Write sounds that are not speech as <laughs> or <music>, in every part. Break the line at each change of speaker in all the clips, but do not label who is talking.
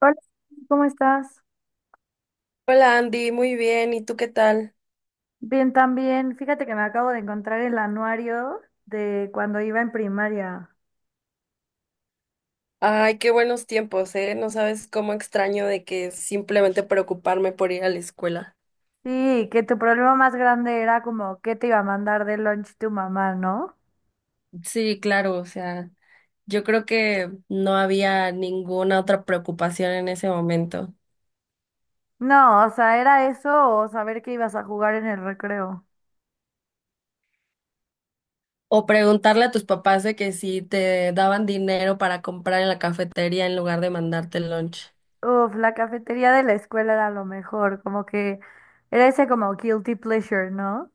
Hola, ¿cómo estás?
Hola Andy, muy bien, ¿y tú qué tal?
Bien, también. Fíjate que me acabo de encontrar el anuario de cuando iba en primaria.
Ay, qué buenos tiempos, ¿eh? No sabes cómo extraño de que simplemente preocuparme por ir a la escuela.
Sí, que tu problema más grande era como qué te iba a mandar de lunch tu mamá, ¿no?
Sí, claro, o sea, yo creo que no había ninguna otra preocupación en ese momento.
No, o sea, era eso o saber que ibas a jugar en el recreo.
O preguntarle a tus papás de que si te daban dinero para comprar en la cafetería en lugar de mandarte el lunch.
Uf, la cafetería de la escuela era lo mejor, como que era ese como guilty pleasure, ¿no?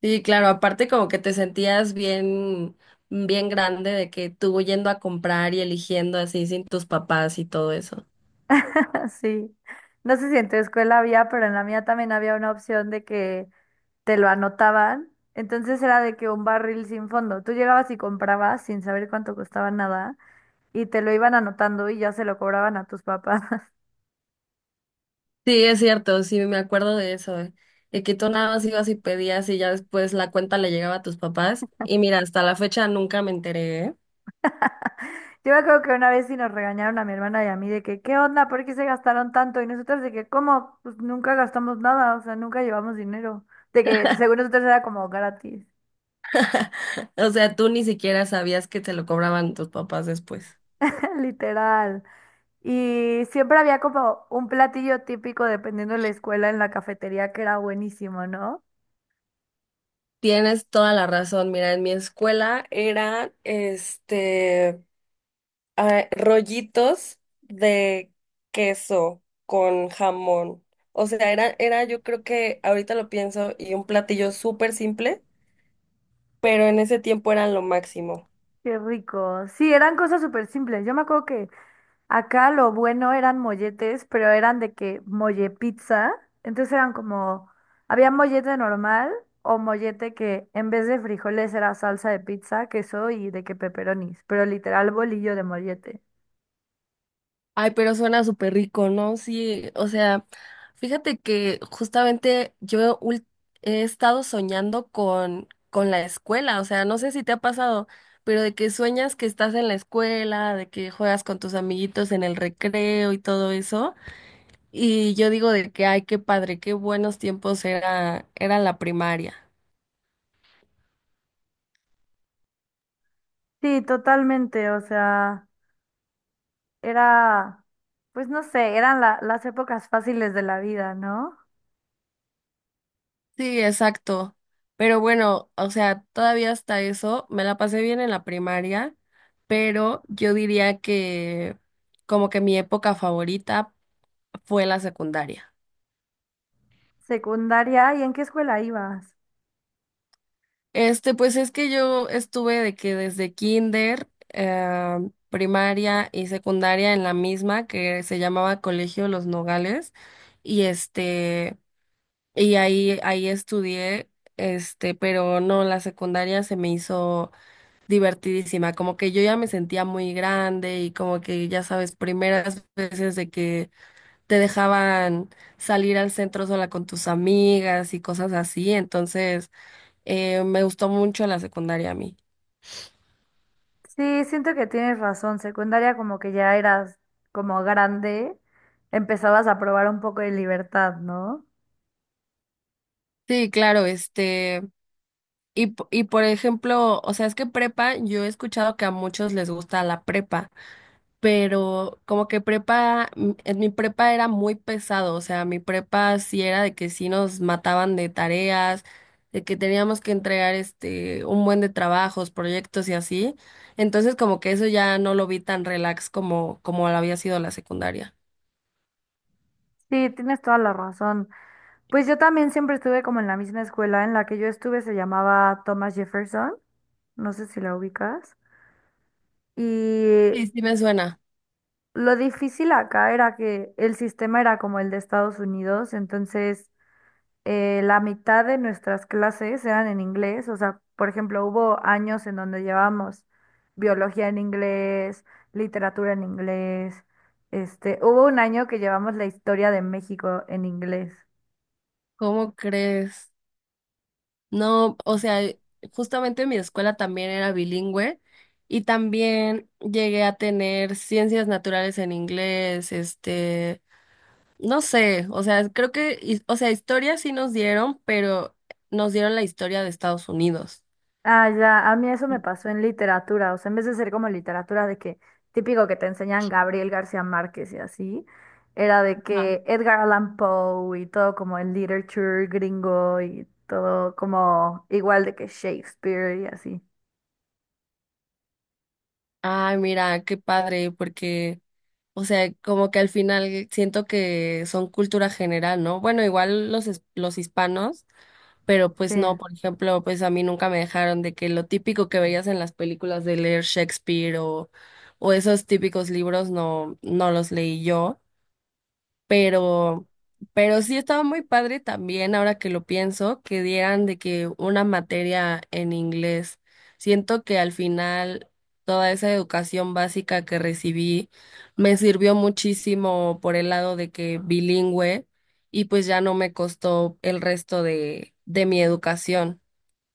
Sí, claro, aparte como que te sentías bien, bien grande de que tú yendo a comprar y eligiendo así sin tus papás y todo eso.
<laughs> Sí. No sé si en tu escuela había, pero en la mía también había una opción de que te lo anotaban. Entonces era de que un barril sin fondo. Tú llegabas y comprabas sin saber cuánto costaba nada y te lo iban anotando y ya se lo cobraban a tus papás. <laughs>
Sí, es cierto, sí, me acuerdo de eso, de que tú nada más ibas y pedías y ya después la cuenta le llegaba a tus papás. Y mira, hasta la fecha nunca me enteré, ¿eh?
Yo me acuerdo que una vez sí nos regañaron a mi hermana y a mí de que, ¿qué onda? ¿Por qué se gastaron tanto? Y nosotros de que, ¿cómo? Pues nunca gastamos nada, o sea, nunca llevamos dinero. De que según nosotros era como gratis,
<laughs> O sea, tú ni siquiera sabías que te lo cobraban tus papás después.
<laughs> literal. Y siempre había como un platillo típico dependiendo de la escuela en la cafetería que era buenísimo, ¿no?
Tienes toda la razón. Mira, en mi escuela eran, ah, rollitos de queso con jamón. O sea, era, yo creo que ahorita lo pienso, y un platillo súper simple, pero en ese tiempo eran lo máximo.
Qué rico. Sí, eran cosas súper simples. Yo me acuerdo que acá lo bueno eran molletes, pero eran de que molle pizza. Entonces eran como, había mollete normal o mollete que en vez de frijoles era salsa de pizza, queso y de que peperonis, pero literal bolillo de mollete.
Ay, pero suena súper rico, ¿no? Sí, o sea, fíjate que justamente yo he estado soñando con la escuela, o sea, no sé si te ha pasado, pero de que sueñas que estás en la escuela, de que juegas con tus amiguitos en el recreo y todo eso, y yo digo de que, ay, qué padre, qué buenos tiempos era la primaria.
Sí, totalmente. O sea. Era, pues no sé, eran la- las épocas fáciles de la vida, ¿no?
Sí, exacto. Pero bueno, o sea, todavía hasta eso, me la pasé bien en la primaria, pero yo diría que como que mi época favorita fue la secundaria.
Secundaria, ¿y en qué escuela ibas?
Pues es que yo estuve de que desde kinder, primaria y secundaria en la misma que se llamaba Colegio Los Nogales y este y ahí estudié, este, pero no, la secundaria se me hizo divertidísima, como que yo ya me sentía muy grande y como que ya sabes, primeras veces de que te dejaban salir al centro sola con tus amigas y cosas así, entonces me gustó mucho la secundaria a mí.
Sí, siento que tienes razón. Secundaria como que ya eras como grande, empezabas a probar un poco de libertad, ¿no?
Sí, claro, este, y por ejemplo, o sea, es que prepa, yo he escuchado que a muchos les gusta la prepa, pero como que prepa, en mi prepa era muy pesado, o sea, mi prepa sí era de que sí nos mataban de tareas, de que teníamos que entregar este un buen de trabajos, proyectos y así. Entonces como que eso ya no lo vi tan relax como lo había sido la secundaria.
Sí, tienes toda la razón. Pues yo también siempre estuve como en la misma escuela en la que yo estuve, se llamaba Thomas Jefferson, no sé si la ubicas. Y
Sí, sí me suena.
lo difícil acá era que el sistema era como el de Estados Unidos, entonces la mitad de nuestras clases eran en inglés, o sea, por ejemplo, hubo años en donde llevábamos biología en inglés, literatura en inglés, hubo un año que llevamos la historia de México en inglés.
¿Cómo crees? No, o sea, justamente mi escuela también era bilingüe. Y también llegué a tener ciencias naturales en inglés, este, no sé, o sea, creo que, o sea, historia sí nos dieron, pero nos dieron la historia de Estados Unidos.
Ah, ya, a mí eso me pasó en literatura, o sea, en vez de ser como literatura de que típico que te enseñan Gabriel García Márquez y así, era de
Ah,
que Edgar Allan Poe y todo como el literature gringo y todo como igual de que Shakespeare y así.
ay, mira, qué padre, porque, o sea, como que al final siento que son cultura general, ¿no? Bueno, igual los, los hispanos, pero
Sí,
pues no, por ejemplo, pues a mí nunca me dejaron de que lo típico que veías en las películas de leer Shakespeare o esos típicos libros no, no los leí yo. Pero, pero sí estaba muy padre también, ahora que lo pienso, que dieran de que una materia en inglés. Siento que al final toda esa educación básica que recibí me sirvió muchísimo por el lado de que bilingüe y pues ya no me costó el resto de mi educación.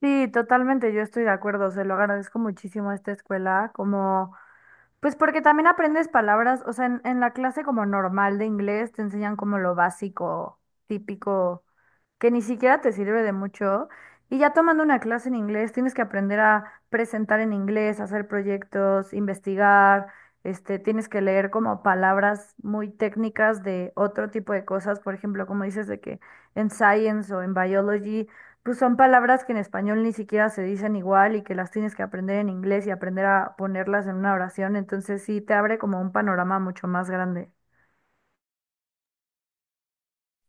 sí, totalmente, yo estoy de acuerdo, se lo agradezco muchísimo a esta escuela, como, pues porque también aprendes palabras, o sea, en la clase como normal de inglés te enseñan como lo básico, típico, que ni siquiera te sirve de mucho, y ya tomando una clase en inglés tienes que aprender a presentar en inglés, hacer proyectos, investigar, tienes que leer como palabras muy técnicas de otro tipo de cosas, por ejemplo, como dices de que en science o en biology. Pues son palabras que en español ni siquiera se dicen igual y que las tienes que aprender en inglés y aprender a ponerlas en una oración, entonces sí te abre como un panorama mucho más grande.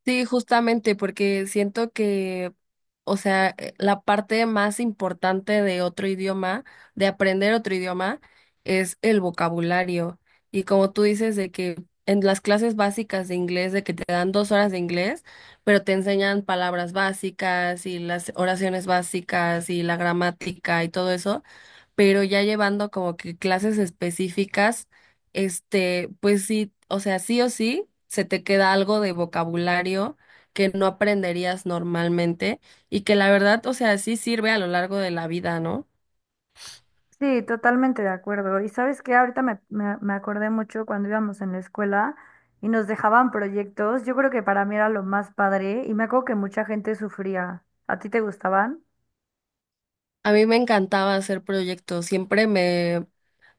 Sí, justamente porque siento que, o sea, la parte más importante de otro idioma, de aprender otro idioma, es el vocabulario. Y como tú dices, de que en las clases básicas de inglés, de que te dan dos horas de inglés, pero te enseñan palabras básicas y las oraciones básicas y la gramática y todo eso, pero ya llevando como que clases específicas, este, pues sí, o sea, sí o sí, se te queda algo de vocabulario que no aprenderías normalmente y que la verdad, o sea, sí sirve a lo largo de la vida, ¿no?
Sí, totalmente de acuerdo. Y sabes que ahorita me acordé mucho cuando íbamos en la escuela y nos dejaban proyectos. Yo creo que para mí era lo más padre y me acuerdo que mucha gente sufría. ¿A ti te gustaban?
A mí me encantaba hacer proyectos, siempre me...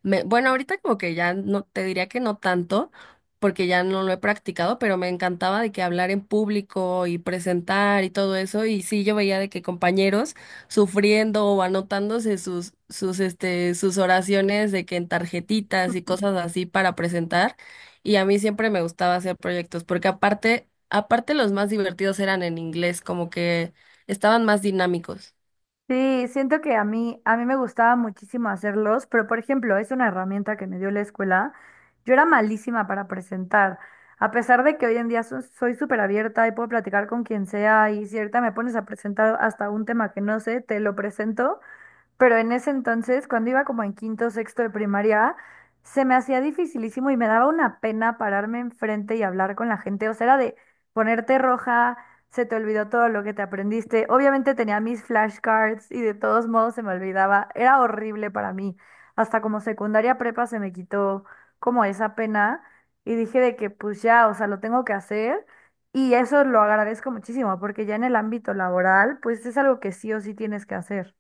Me, bueno, ahorita como que ya no, te diría que no tanto, porque ya no lo he practicado, pero me encantaba de que hablar en público y presentar y todo eso. Y sí, yo veía de que compañeros sufriendo o anotándose sus oraciones de que en tarjetitas y cosas así para presentar. Y a mí siempre me gustaba hacer proyectos, porque aparte los más divertidos eran en inglés, como que estaban más dinámicos.
Sí, siento que a mí me gustaba muchísimo hacerlos, pero por ejemplo, es una herramienta que me dio la escuela. Yo era malísima para presentar. A pesar de que hoy en día soy súper abierta y puedo platicar con quien sea y si ahorita me pones a presentar hasta un tema que no sé, te lo presento, pero en ese entonces, cuando iba como en quinto, sexto de primaria, se me hacía dificilísimo y me daba una pena pararme enfrente y hablar con la gente. O sea, era de ponerte roja, se te olvidó todo lo que te aprendiste. Obviamente tenía mis flashcards y de todos modos se me olvidaba. Era horrible para mí. Hasta como secundaria prepa se me quitó como esa pena y dije de que pues ya, o sea, lo tengo que hacer. Y eso lo agradezco muchísimo porque ya en el ámbito laboral, pues es algo que sí o sí tienes que hacer.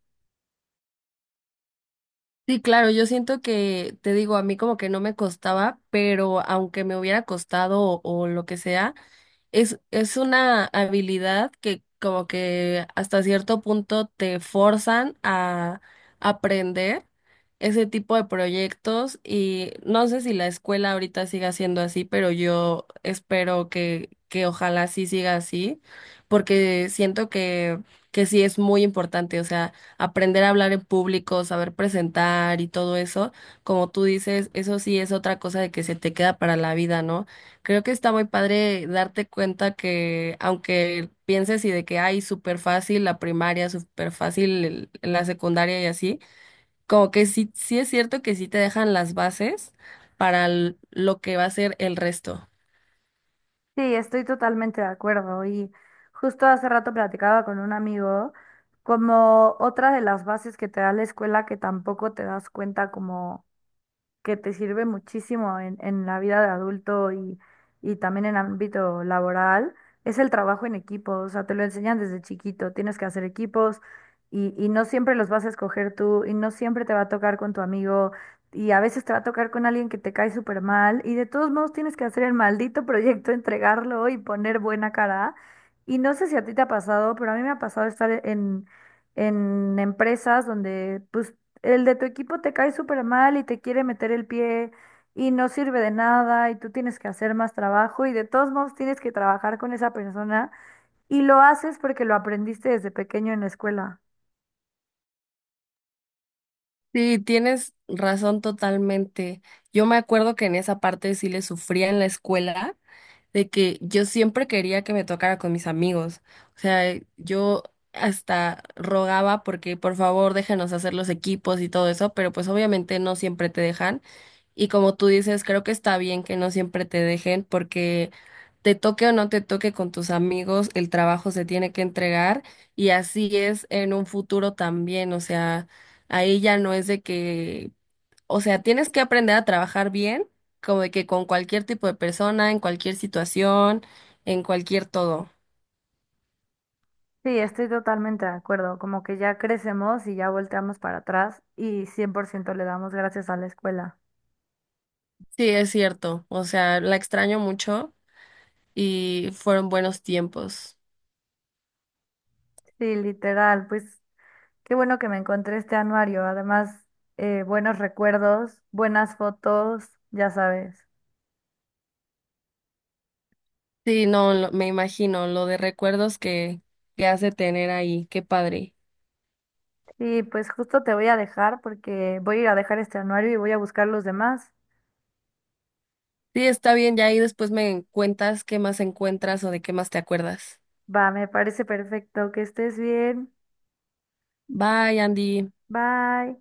Sí, claro, yo siento que, te digo, a mí como que no me costaba, pero aunque me hubiera costado o lo que sea, es una habilidad que como que hasta cierto punto te forzan a aprender ese tipo de proyectos y no sé si la escuela ahorita siga siendo así, pero yo espero que ojalá sí siga así, porque siento que sí es muy importante, o sea, aprender a hablar en público, saber presentar y todo eso, como tú dices, eso sí es otra cosa de que se te queda para la vida, ¿no? Creo que está muy padre darte cuenta que aunque pienses y de que hay súper fácil la primaria, súper fácil la secundaria y así, como que sí, sí es cierto que sí te dejan las bases para lo que va a ser el resto.
Sí, estoy totalmente de acuerdo. Y justo hace rato platicaba con un amigo como otra de las bases que te da la escuela que tampoco te das cuenta como que te sirve muchísimo en la vida de adulto y también en ámbito laboral, es el trabajo en equipo. O sea, te lo enseñan desde chiquito, tienes que hacer equipos y no siempre los vas a escoger tú y no siempre te va a tocar con tu amigo y a veces te va a tocar con alguien que te cae súper mal y de todos modos tienes que hacer el maldito proyecto, <laughs> entregarlo y poner buena cara. Y no sé si a ti te ha pasado, pero a mí me ha pasado estar en empresas donde pues el de tu equipo te cae súper mal y te quiere meter el pie y no sirve de nada y tú tienes que hacer más trabajo y de todos modos tienes que trabajar con esa persona y lo haces porque lo aprendiste desde pequeño en la escuela.
Sí, tienes razón totalmente. Yo me acuerdo que en esa parte sí le sufría en la escuela de que yo siempre quería que me tocara con mis amigos. O sea, yo hasta rogaba porque por favor déjanos hacer los equipos y todo eso, pero pues obviamente no siempre te dejan. Y como tú dices, creo que está bien que no siempre te dejen porque te toque o no te toque con tus amigos, el trabajo se tiene que entregar y así es en un futuro también, o sea, ahí ya no es de que, o sea, tienes que aprender a trabajar bien, como de que con cualquier tipo de persona, en cualquier situación, en cualquier todo.
Sí, estoy totalmente de acuerdo, como que ya crecemos y ya volteamos para atrás y 100% le damos gracias a la escuela.
Sí, es cierto. O sea, la extraño mucho y fueron buenos tiempos.
Sí, literal, pues qué bueno que me encontré este anuario, además buenos recuerdos, buenas fotos, ya sabes.
Sí, no, me imagino lo de recuerdos que hace tener ahí. Qué padre.
Sí, pues justo te voy a dejar porque voy a ir a dejar este anuario y voy a buscar los demás.
Sí, está bien, ya ahí después me cuentas qué más encuentras o de qué más te acuerdas.
Va, me parece perfecto. Que estés bien.
Bye, Andy.
Bye.